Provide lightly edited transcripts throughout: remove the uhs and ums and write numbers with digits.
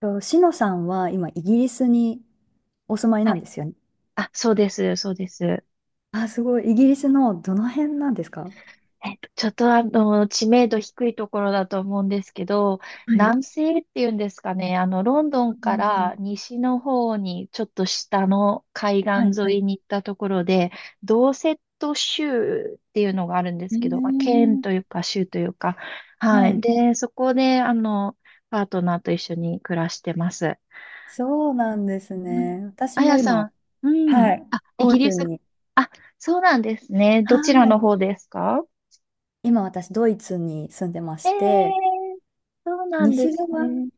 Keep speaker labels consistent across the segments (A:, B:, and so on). A: と、しのさんは今、イギリスにお住まい
B: は
A: なん
B: い。
A: ですよね。
B: あ、そうです、そうです。
A: あ、すごい。イギリスのどの辺なんですか？
B: えっと、ちょっとあの、知名度低いところだと思うんですけど、
A: はい。
B: 南西っていうんですかね、ロンド
A: あ
B: ンか
A: の
B: ら西の方に、ちょっと下の海
A: はい、
B: 岸
A: は
B: 沿
A: い。
B: いに行ったところで、ドーセット州っていうのがあるんで
A: え
B: すけど、まあ、県
A: ー、
B: というか州というか、は
A: は
B: い。
A: い。
B: で、そこで、パートナーと一緒に暮らしてます。
A: そう
B: う
A: なんです
B: ん
A: ね。私
B: あ
A: も
B: やさ
A: 今、
B: ん、うん。
A: はい、
B: あ、イ
A: 欧
B: ギリ
A: 州
B: ス
A: に、
B: あ、そうなんですね。
A: は
B: どちらの
A: い。
B: 方ですか？
A: 今私、ドイツに住んでま
B: え
A: し
B: え
A: て、
B: ーそうなんで
A: 西
B: す
A: 側
B: ね。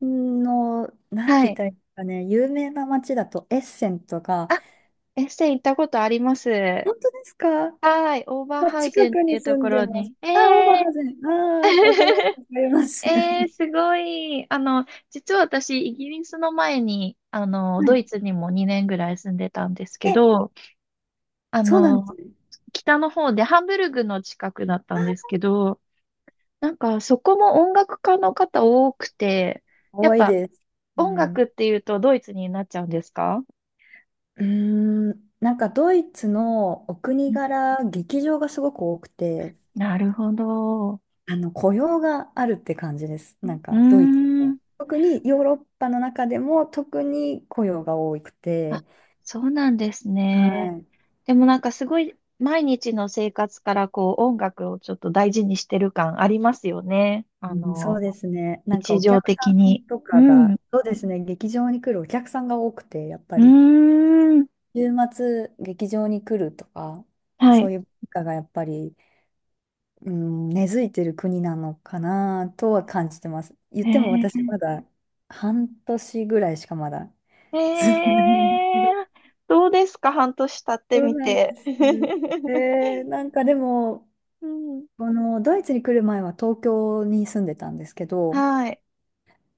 A: の、なん
B: は
A: て言っ
B: い。
A: たらいいですかね、有名な街だとエッセンとか、
B: あ、エッセ行ったことあります。
A: 本当ですか？あ、
B: はい。オーバーハウ
A: 近
B: ゼンっ
A: く
B: てい
A: に
B: うと
A: 住
B: こ
A: んで
B: ろ
A: ます。
B: に。え
A: あ、オーバー
B: え
A: ハゼン。
B: ー
A: ああ、わかります、わかります。
B: ええー
A: は
B: すごい。実は私、イギリスの前に、ドイツ
A: い。
B: にも2年ぐらい住んでたんですけ
A: え、
B: ど、あ
A: そうなんです
B: の、
A: ね。
B: 北の方でハンブルグの近くだったんですけど、なんかそこも音楽家の方多くて、やっ
A: 多い
B: ぱ
A: です。う
B: 音楽
A: ん。
B: っていうとドイツになっちゃうんですか？
A: うーなんかドイツのお国
B: ん
A: 柄、劇場がすごく多くて、
B: なるほど。う
A: あの雇用があるって感じです。なん
B: ー
A: かドイツは。
B: ん。
A: 特にヨーロッパの中でも特に雇用が多く
B: あ、
A: て、
B: そうなんです
A: は
B: ね。
A: い。
B: でもなんかすごい毎日の生活からこう音楽をちょっと大事にしてる感ありますよね。
A: うん、そうですね。なんか
B: 日
A: お
B: 常
A: 客さ
B: 的
A: ん
B: に。
A: と
B: う
A: か
B: ん。
A: が、
B: う
A: そうですね、劇場に来るお客さんが多くて、やっぱり。
B: ーん。
A: 週末劇場に来るとか、
B: は
A: そ
B: い。
A: ういう文化がやっぱり、うん、根付いてる国なのかなとは感じてます。言っても
B: え
A: 私まだ半年ぐらいしかまだ
B: ー、
A: 住んでないんですけ
B: え
A: ど。
B: ー、どうですか半年経って
A: そう
B: み
A: なん
B: て？
A: です。なんかでも、
B: うん。
A: このドイツに来る前は東京に住んでたんですけど、
B: はい。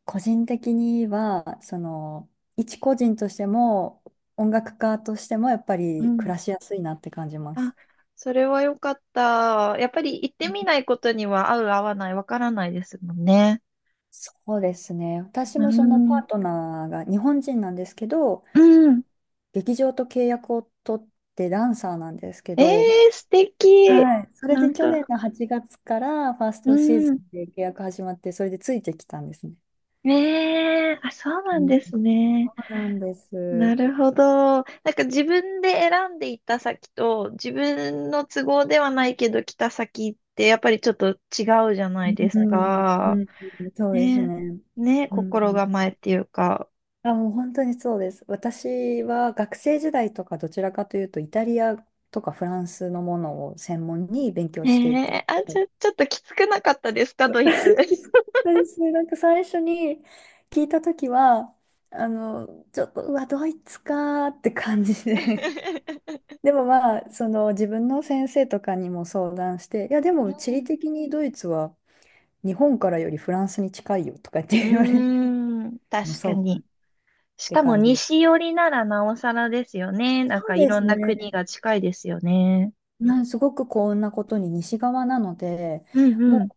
A: 個人的には、一個人としても、音楽家としてもやっぱ
B: う
A: り暮
B: ん。
A: らしやすいなって感じま
B: あ、
A: す。
B: それは良かった。やっぱり行ってみないことには合う合わないわからないですもんね。
A: そうですね。私
B: う
A: もそのパ
B: ん。
A: ートナーが日本人なんですけど、
B: うん。
A: 劇場と契約を取ってダンサーなんですけ
B: え
A: ど、
B: え素敵。
A: はい。それ
B: な
A: で
B: ん
A: 去年
B: か、
A: の8月からファース
B: う
A: トシーズ
B: ん。
A: ンで契約始まって、それでついてきたんですね。
B: ねえ、あ、そう
A: う
B: なん
A: ん、
B: ですね。
A: そうなんです。うん
B: なるほど。なんか自分で選んで行った先と、自分の都合ではないけど来た先ってやっぱりちょっと違うじゃないで
A: う
B: す
A: ん、う
B: か。
A: ん、そうです
B: ね
A: ね。
B: え、ねえ、
A: う
B: 心
A: ん。
B: 構えっていうか。
A: あ、もう本当にそうです。私は学生時代とかどちらかというと、イタリアとかフランスのものを専門に勉強
B: え
A: していた
B: え
A: の
B: あ、
A: で、
B: ちょっときつくなかったですか、ドイツ？
A: そうですね、なんか最初に聞いたときは、ちょっと、うわ、ドイツかーって感じで。でもまあ、その自分の先生とかにも相談して、いや、で
B: う
A: も地理
B: ん。
A: 的にドイツは日本からよりフランスに近いよとかっ
B: うー
A: て言われて、
B: ん、
A: まあ、
B: 確
A: そ
B: か
A: うかっ
B: に。し
A: て
B: かも
A: 感じで。
B: 西寄りならなおさらですよね。な
A: そ
B: ん
A: う
B: かい
A: で
B: ろ
A: す
B: んな
A: ね。
B: 国が近いですよね。
A: すごく幸運なことに西側なので、
B: うんう
A: も
B: ん。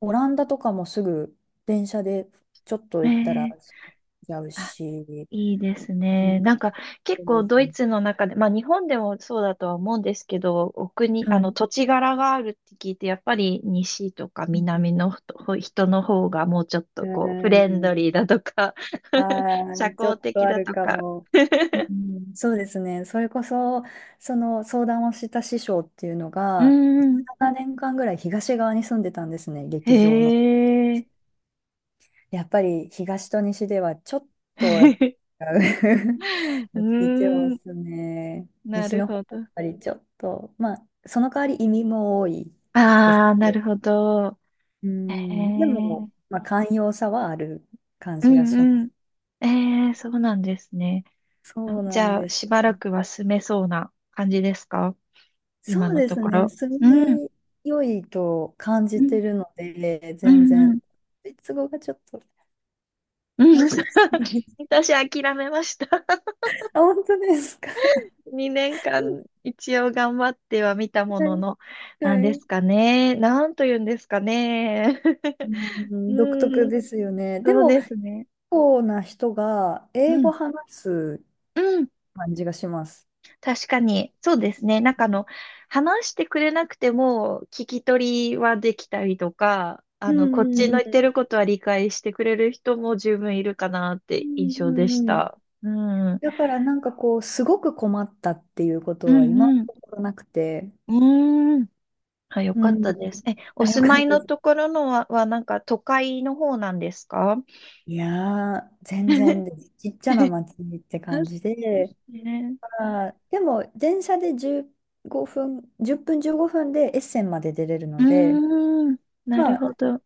A: うオランダとかもすぐ電車でちょっと行ったら
B: ええ
A: 着いちゃうし、
B: いいです
A: うん、
B: ね。なんか結構ドイツの中で、まあ日本でもそうだとは思うんですけど、お国、あ
A: は
B: の
A: い。
B: 土地柄があるって聞いて、やっぱり西とか南のほ人の方がもうちょっと
A: う
B: こうフレンド
A: ん。
B: リーだとか
A: あ
B: 社
A: あ、ちょ
B: 交
A: っと
B: 的
A: あ
B: だ
A: る
B: と
A: か
B: か
A: も。
B: う
A: うん、そうですね。それこそ、その相談をした師匠っていうの
B: ー
A: が、
B: ん。
A: 17年間ぐらい東側に住んでたんですね、
B: へ
A: 劇場の。
B: え。
A: やっぱり東と西ではちょっとやっ ぱ
B: う
A: 似て
B: ー
A: ま
B: ん。
A: すね。
B: な
A: 西
B: る
A: の方が
B: ほ
A: やっ
B: ど。
A: ぱりちょっと、まあ、その代わり移民も多いです
B: ああ、
A: け
B: な
A: ど。
B: るほど。
A: う
B: へ
A: ん、でも、
B: え。
A: まあ、寛容さはある感
B: う
A: じがし
B: ん
A: ま
B: う
A: す。
B: ん。ええ、そうなんですね。あ
A: そう
B: じ
A: なん
B: ゃあ、
A: です。
B: しばらくは住めそうな感じですか？今
A: そう
B: の
A: で
B: と
A: す
B: こ
A: ね。
B: ろ。
A: 住
B: うん。
A: みよいと感
B: う
A: じ
B: ん。
A: てるので、
B: う
A: 全
B: ん。う
A: 然、
B: ん。
A: ドイツ語がちょっと
B: うん
A: 難しい です。
B: 私諦めました。
A: あ、本当ですか？
B: 2年間一応頑張っては見たも
A: は
B: の
A: い、
B: の、なん
A: は
B: で
A: い。
B: すかね。なんと言うんですかね。
A: う ん、独
B: う
A: 特
B: ん。
A: ですよね。で
B: そう
A: も、
B: で
A: 結
B: すね。
A: 構な人が
B: う
A: 英
B: ん。
A: 語話す
B: うん。
A: 感じがします。
B: 確かに、そうですね。話してくれなくても、聞き取りはできたりとか、
A: う
B: こ
A: ん
B: っ
A: う
B: ちの
A: ん
B: 言っ
A: う
B: て
A: ん。
B: ることは理解してくれる人も十分いるかなっ
A: う
B: て印
A: ん
B: 象
A: う
B: で
A: ん
B: し
A: うん。
B: た。うん。うん
A: だからなんかこう、すごく困ったっていうこ
B: う
A: とは今の
B: ん。
A: ところなくて、
B: うーん。あ、よ
A: う
B: かっ
A: ん。
B: たです。え、お
A: あ、よ
B: 住
A: か
B: ま
A: っ
B: い
A: た。
B: のところのは、はなんか都会の方なんですか？
A: いやー、全然です。ちっちゃな町って
B: あ
A: 感
B: そ
A: じ
B: うです
A: で、
B: ね。
A: まあー、でも電車で15分、10分15分でエッセンまで出れる
B: う
A: ので、
B: ーん。なる
A: まあ、
B: ほど。う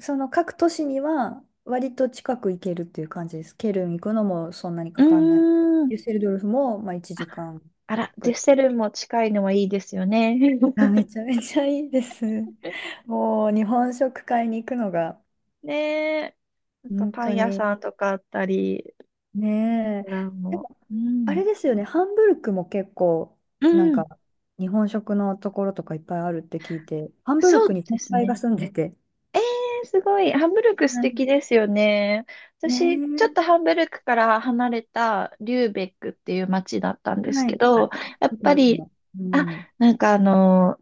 A: その各都市には割と近く行けるっていう感じです。ケルン行くのもそんなに
B: ー
A: かかんない。
B: ん。
A: デュッセルドルフもまあ1時間
B: あら、
A: ぐ
B: デュ
A: ら
B: ッ
A: い。
B: セルも近いのはいいですよね。
A: あ、めちゃめちゃいいです。もう日本食買いに行くのが
B: ねえ。なんか
A: 本
B: パン
A: 当
B: 屋
A: に
B: さんとかあったり、レス
A: ねえ。
B: トラン
A: で
B: も。
A: も
B: う
A: あ
B: ん。
A: れですよね、ハンブルクも結構、
B: う
A: なん
B: ん。
A: か、日本食のところとかいっぱいあるって聞いて、ハンブル
B: そう
A: クに
B: で
A: 先
B: すね。
A: 輩が
B: ね
A: 住んでて。
B: えーすごい。ハンブルク素
A: う
B: 敵
A: ん、
B: ですよね。私、ちょっと
A: ね
B: ハンブルクから離れたリューベックっていう街だったん
A: え、
B: です
A: は
B: け
A: い。あ、
B: ど、
A: 聞い
B: やっ
A: たことあ
B: ぱ
A: るか
B: り、
A: も。う
B: あ、
A: ん。
B: なんかあの、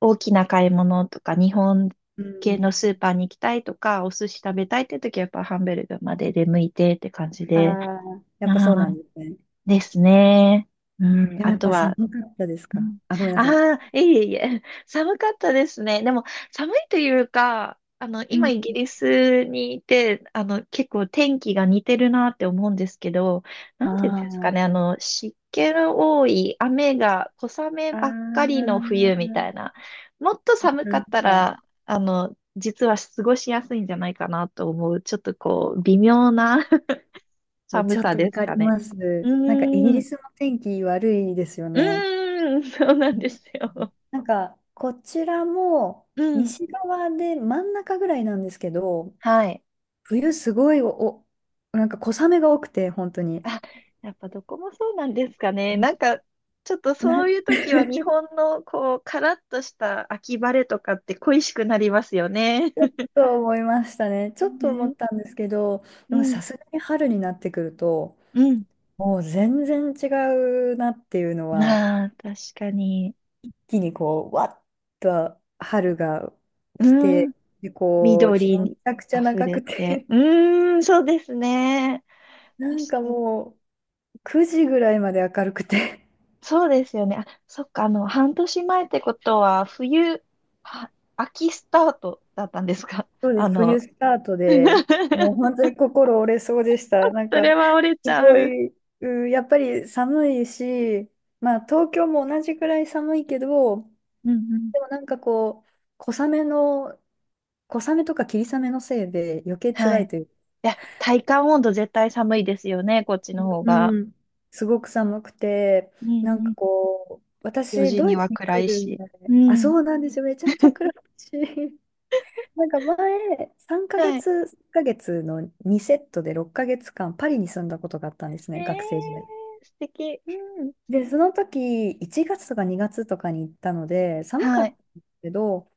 B: 大きな買い物とか、日本
A: う
B: 系の
A: ん。
B: スーパーに行きたいとか、お寿司食べたいって時はやっぱハンブルクまで出向いてって感じ
A: あ
B: で、
A: あ、や
B: あ
A: っぱそうな
B: あ、
A: んですね。
B: ですね。う
A: うん、
B: ん、
A: でも
B: あ
A: やっ
B: と
A: ぱ寒
B: は
A: かったです
B: う
A: か
B: ん
A: あ？ごめんな
B: は、
A: さい。
B: ああー、いえいえいえ、寒かったですね。でも、寒いというか、
A: う
B: 今
A: ん。
B: イギリスにいて、結構天気が似てるなって思うんですけど、なんていうんですか
A: あ
B: ね、湿気の多い、雨が、小雨
A: あ、あ
B: ばっかり
A: あ、
B: の冬みたいな、もっと寒
A: な
B: か
A: ん
B: った
A: か、
B: ら、実は過ごしやすいんじゃないかなと思う、ちょっとこう、微妙な 寒
A: ちょっ
B: さ
A: とわ
B: です
A: かり
B: かね。
A: ます。
B: う
A: なんかイギ
B: ー
A: リ
B: ん。
A: スの天気悪いですよ
B: う
A: ね。
B: ーん、そうなんですよ。
A: なんか、こちらも
B: うん。
A: 西側で真ん中ぐらいなんですけど、
B: はい。
A: 冬すごい、おなんか小雨が多くて、本当に。
B: あ、やっぱどこもそうなんですかね。なんか、ちょっとそう
A: な
B: いう 時は日本のこう、カラッとした秋晴れとかって恋しくなりますよね。
A: ちょっ と思いましたね。ちょっと思っ
B: ね、
A: たんですけど、
B: う
A: でも
B: ん、
A: さすがに春になってくると、
B: うん。
A: もう全然違うなっていうのは、
B: なあ、確かに。
A: 一気にこう、わっと春が来
B: う
A: て、
B: ん、
A: で、こう、日
B: 緑
A: もめち
B: に
A: ゃくちゃ
B: 溢
A: 長
B: れ
A: く
B: て。
A: て、
B: うーん、そうですね。
A: な
B: 確
A: んか
B: かに
A: もう、9時ぐらいまで明るくて、
B: そうですよね。あ、そっか、半年前ってことは、冬、は、秋スタートだったんですか？
A: そ うで
B: あ
A: す、冬
B: の、
A: スタートで、もう本当 に心折れそうでした。なん
B: そ
A: か、
B: れは折れち
A: す
B: ゃ
A: ご
B: う。
A: い、うん、やっぱり寒いし、まあ、東京も同じくらい寒いけど、
B: うんうん。
A: でもなんかこう、小雨の、小雨とか霧雨のせいで余計
B: は
A: 辛
B: い。い
A: いというか、
B: や、体感温度絶対寒いですよね、こっちの方が。
A: うん。すごく寒くて、
B: うん
A: なん
B: う
A: か
B: ん。
A: こう、
B: 4
A: 私、
B: 時
A: ド
B: に
A: イツ
B: は
A: に
B: 暗
A: 来
B: い
A: る
B: し。
A: 前、
B: う
A: あ、そ
B: ん。
A: うなんですよ、めちゃめちゃ暗いし。なんか前、3ヶ
B: はい。
A: 月の2セットで6ヶ月間、パリに住んだことがあったんです
B: え
A: ね、学生時代。
B: ー、素敵。うん。
A: で、その時、1月とか2月とかに行ったので、寒か
B: は
A: った
B: い。
A: んですけど、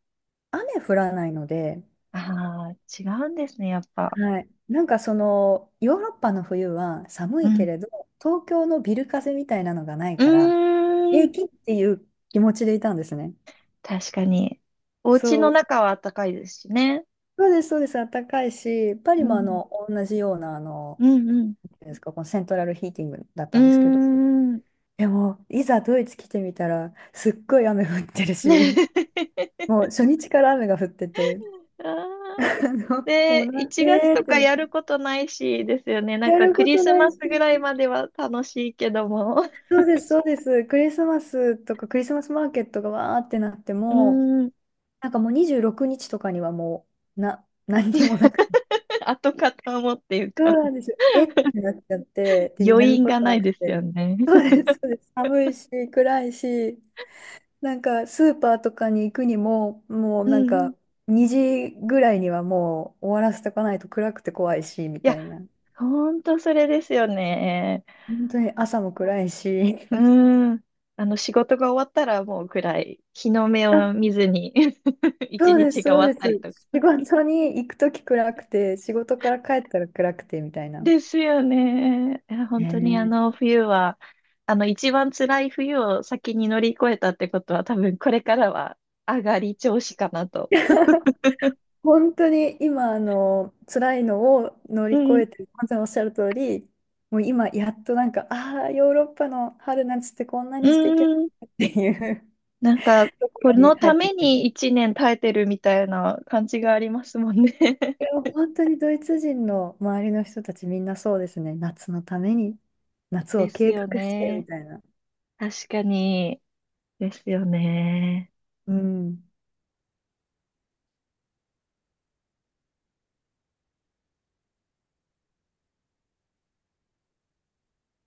A: 雨降らないので、
B: ああ、違うんですね、やっぱ。
A: はい、なんかヨーロッパの冬は寒
B: う
A: いけ
B: ん。
A: れど、東京のビル風みたいなのがないから、
B: うー
A: 平
B: ん。
A: 気っていう気持ちでいたんですね。
B: 確かに。お家
A: そ
B: の
A: う、
B: 中は暖かいですしね。
A: そうです、そうです、暖かいし、パリ
B: う
A: も
B: ん、
A: 同じようなあの
B: うん
A: ですか、このセントラルヒーティングだっ
B: う
A: たんですけど、
B: ん、うーん。
A: でも、いざドイツ来てみたら、すっごい雨降ってるし、もう初日から雨が降ってて、
B: あ
A: あ
B: ー
A: の、もう
B: で、
A: なん
B: 1月
A: でっ
B: と
A: て
B: かやることないし、ですよね。なん
A: や
B: か
A: る
B: ク
A: こ
B: リ
A: と
B: ス
A: ない
B: マス
A: し、
B: ぐらいまでは楽しいけども、
A: そうです、そうです、クリスマスとかクリスマスマーケットがわーってなって
B: うー
A: も、
B: ん、
A: なんかもう26日とかにはもう、何にもなくて、
B: 跡形もっていう
A: そ
B: か、
A: うなんですよ、えってなっちゃって、で、や
B: 余
A: る
B: 韻
A: こ
B: が
A: と
B: な
A: な
B: い
A: く
B: ですよ
A: て、
B: ね。
A: そうです、そうです、寒いし、暗いし、なんかスーパーとかに行くにも、もう
B: う
A: なん
B: ん。
A: か2時ぐらいにはもう終わらせとかないと暗くて怖いし、み
B: い
A: た
B: や、
A: いな。
B: ほんとそれですよね。
A: 本当に朝も暗いし。
B: うん。仕事が終わったらもう暗い。日の目
A: あ、
B: を見ずに 一
A: そうです、
B: 日が
A: そう
B: 終わ
A: で
B: っ
A: す。
B: たりとか。
A: 仕事に行くとき暗くて、仕事から帰ったら暗くて、みたいな。
B: ですよね。いや
A: ね
B: 本当にあ
A: え。
B: の冬は、あの一番辛い冬を先に乗り越えたってことは多分これからは上がり調子かなと。
A: 本当に今、辛いのを乗り
B: う
A: 越
B: ん。
A: えて、まさにおっしゃる通り、もう今、やっとなんか、ああ、ヨーロッパの春夏ってこんな
B: う
A: に素敵なん
B: ん。
A: だっていう
B: なんか、
A: とこ
B: こ
A: ろに
B: の
A: 入
B: た
A: ってい
B: め
A: く。
B: に一年耐えてるみたいな感じがありますもんね。
A: い や、本当にドイツ人の周りの人たちみんなそうですね。夏のために、夏
B: で
A: を
B: す
A: 計
B: よ
A: 画してみ
B: ね。
A: たいな。
B: 確かに。ですよね。
A: うん。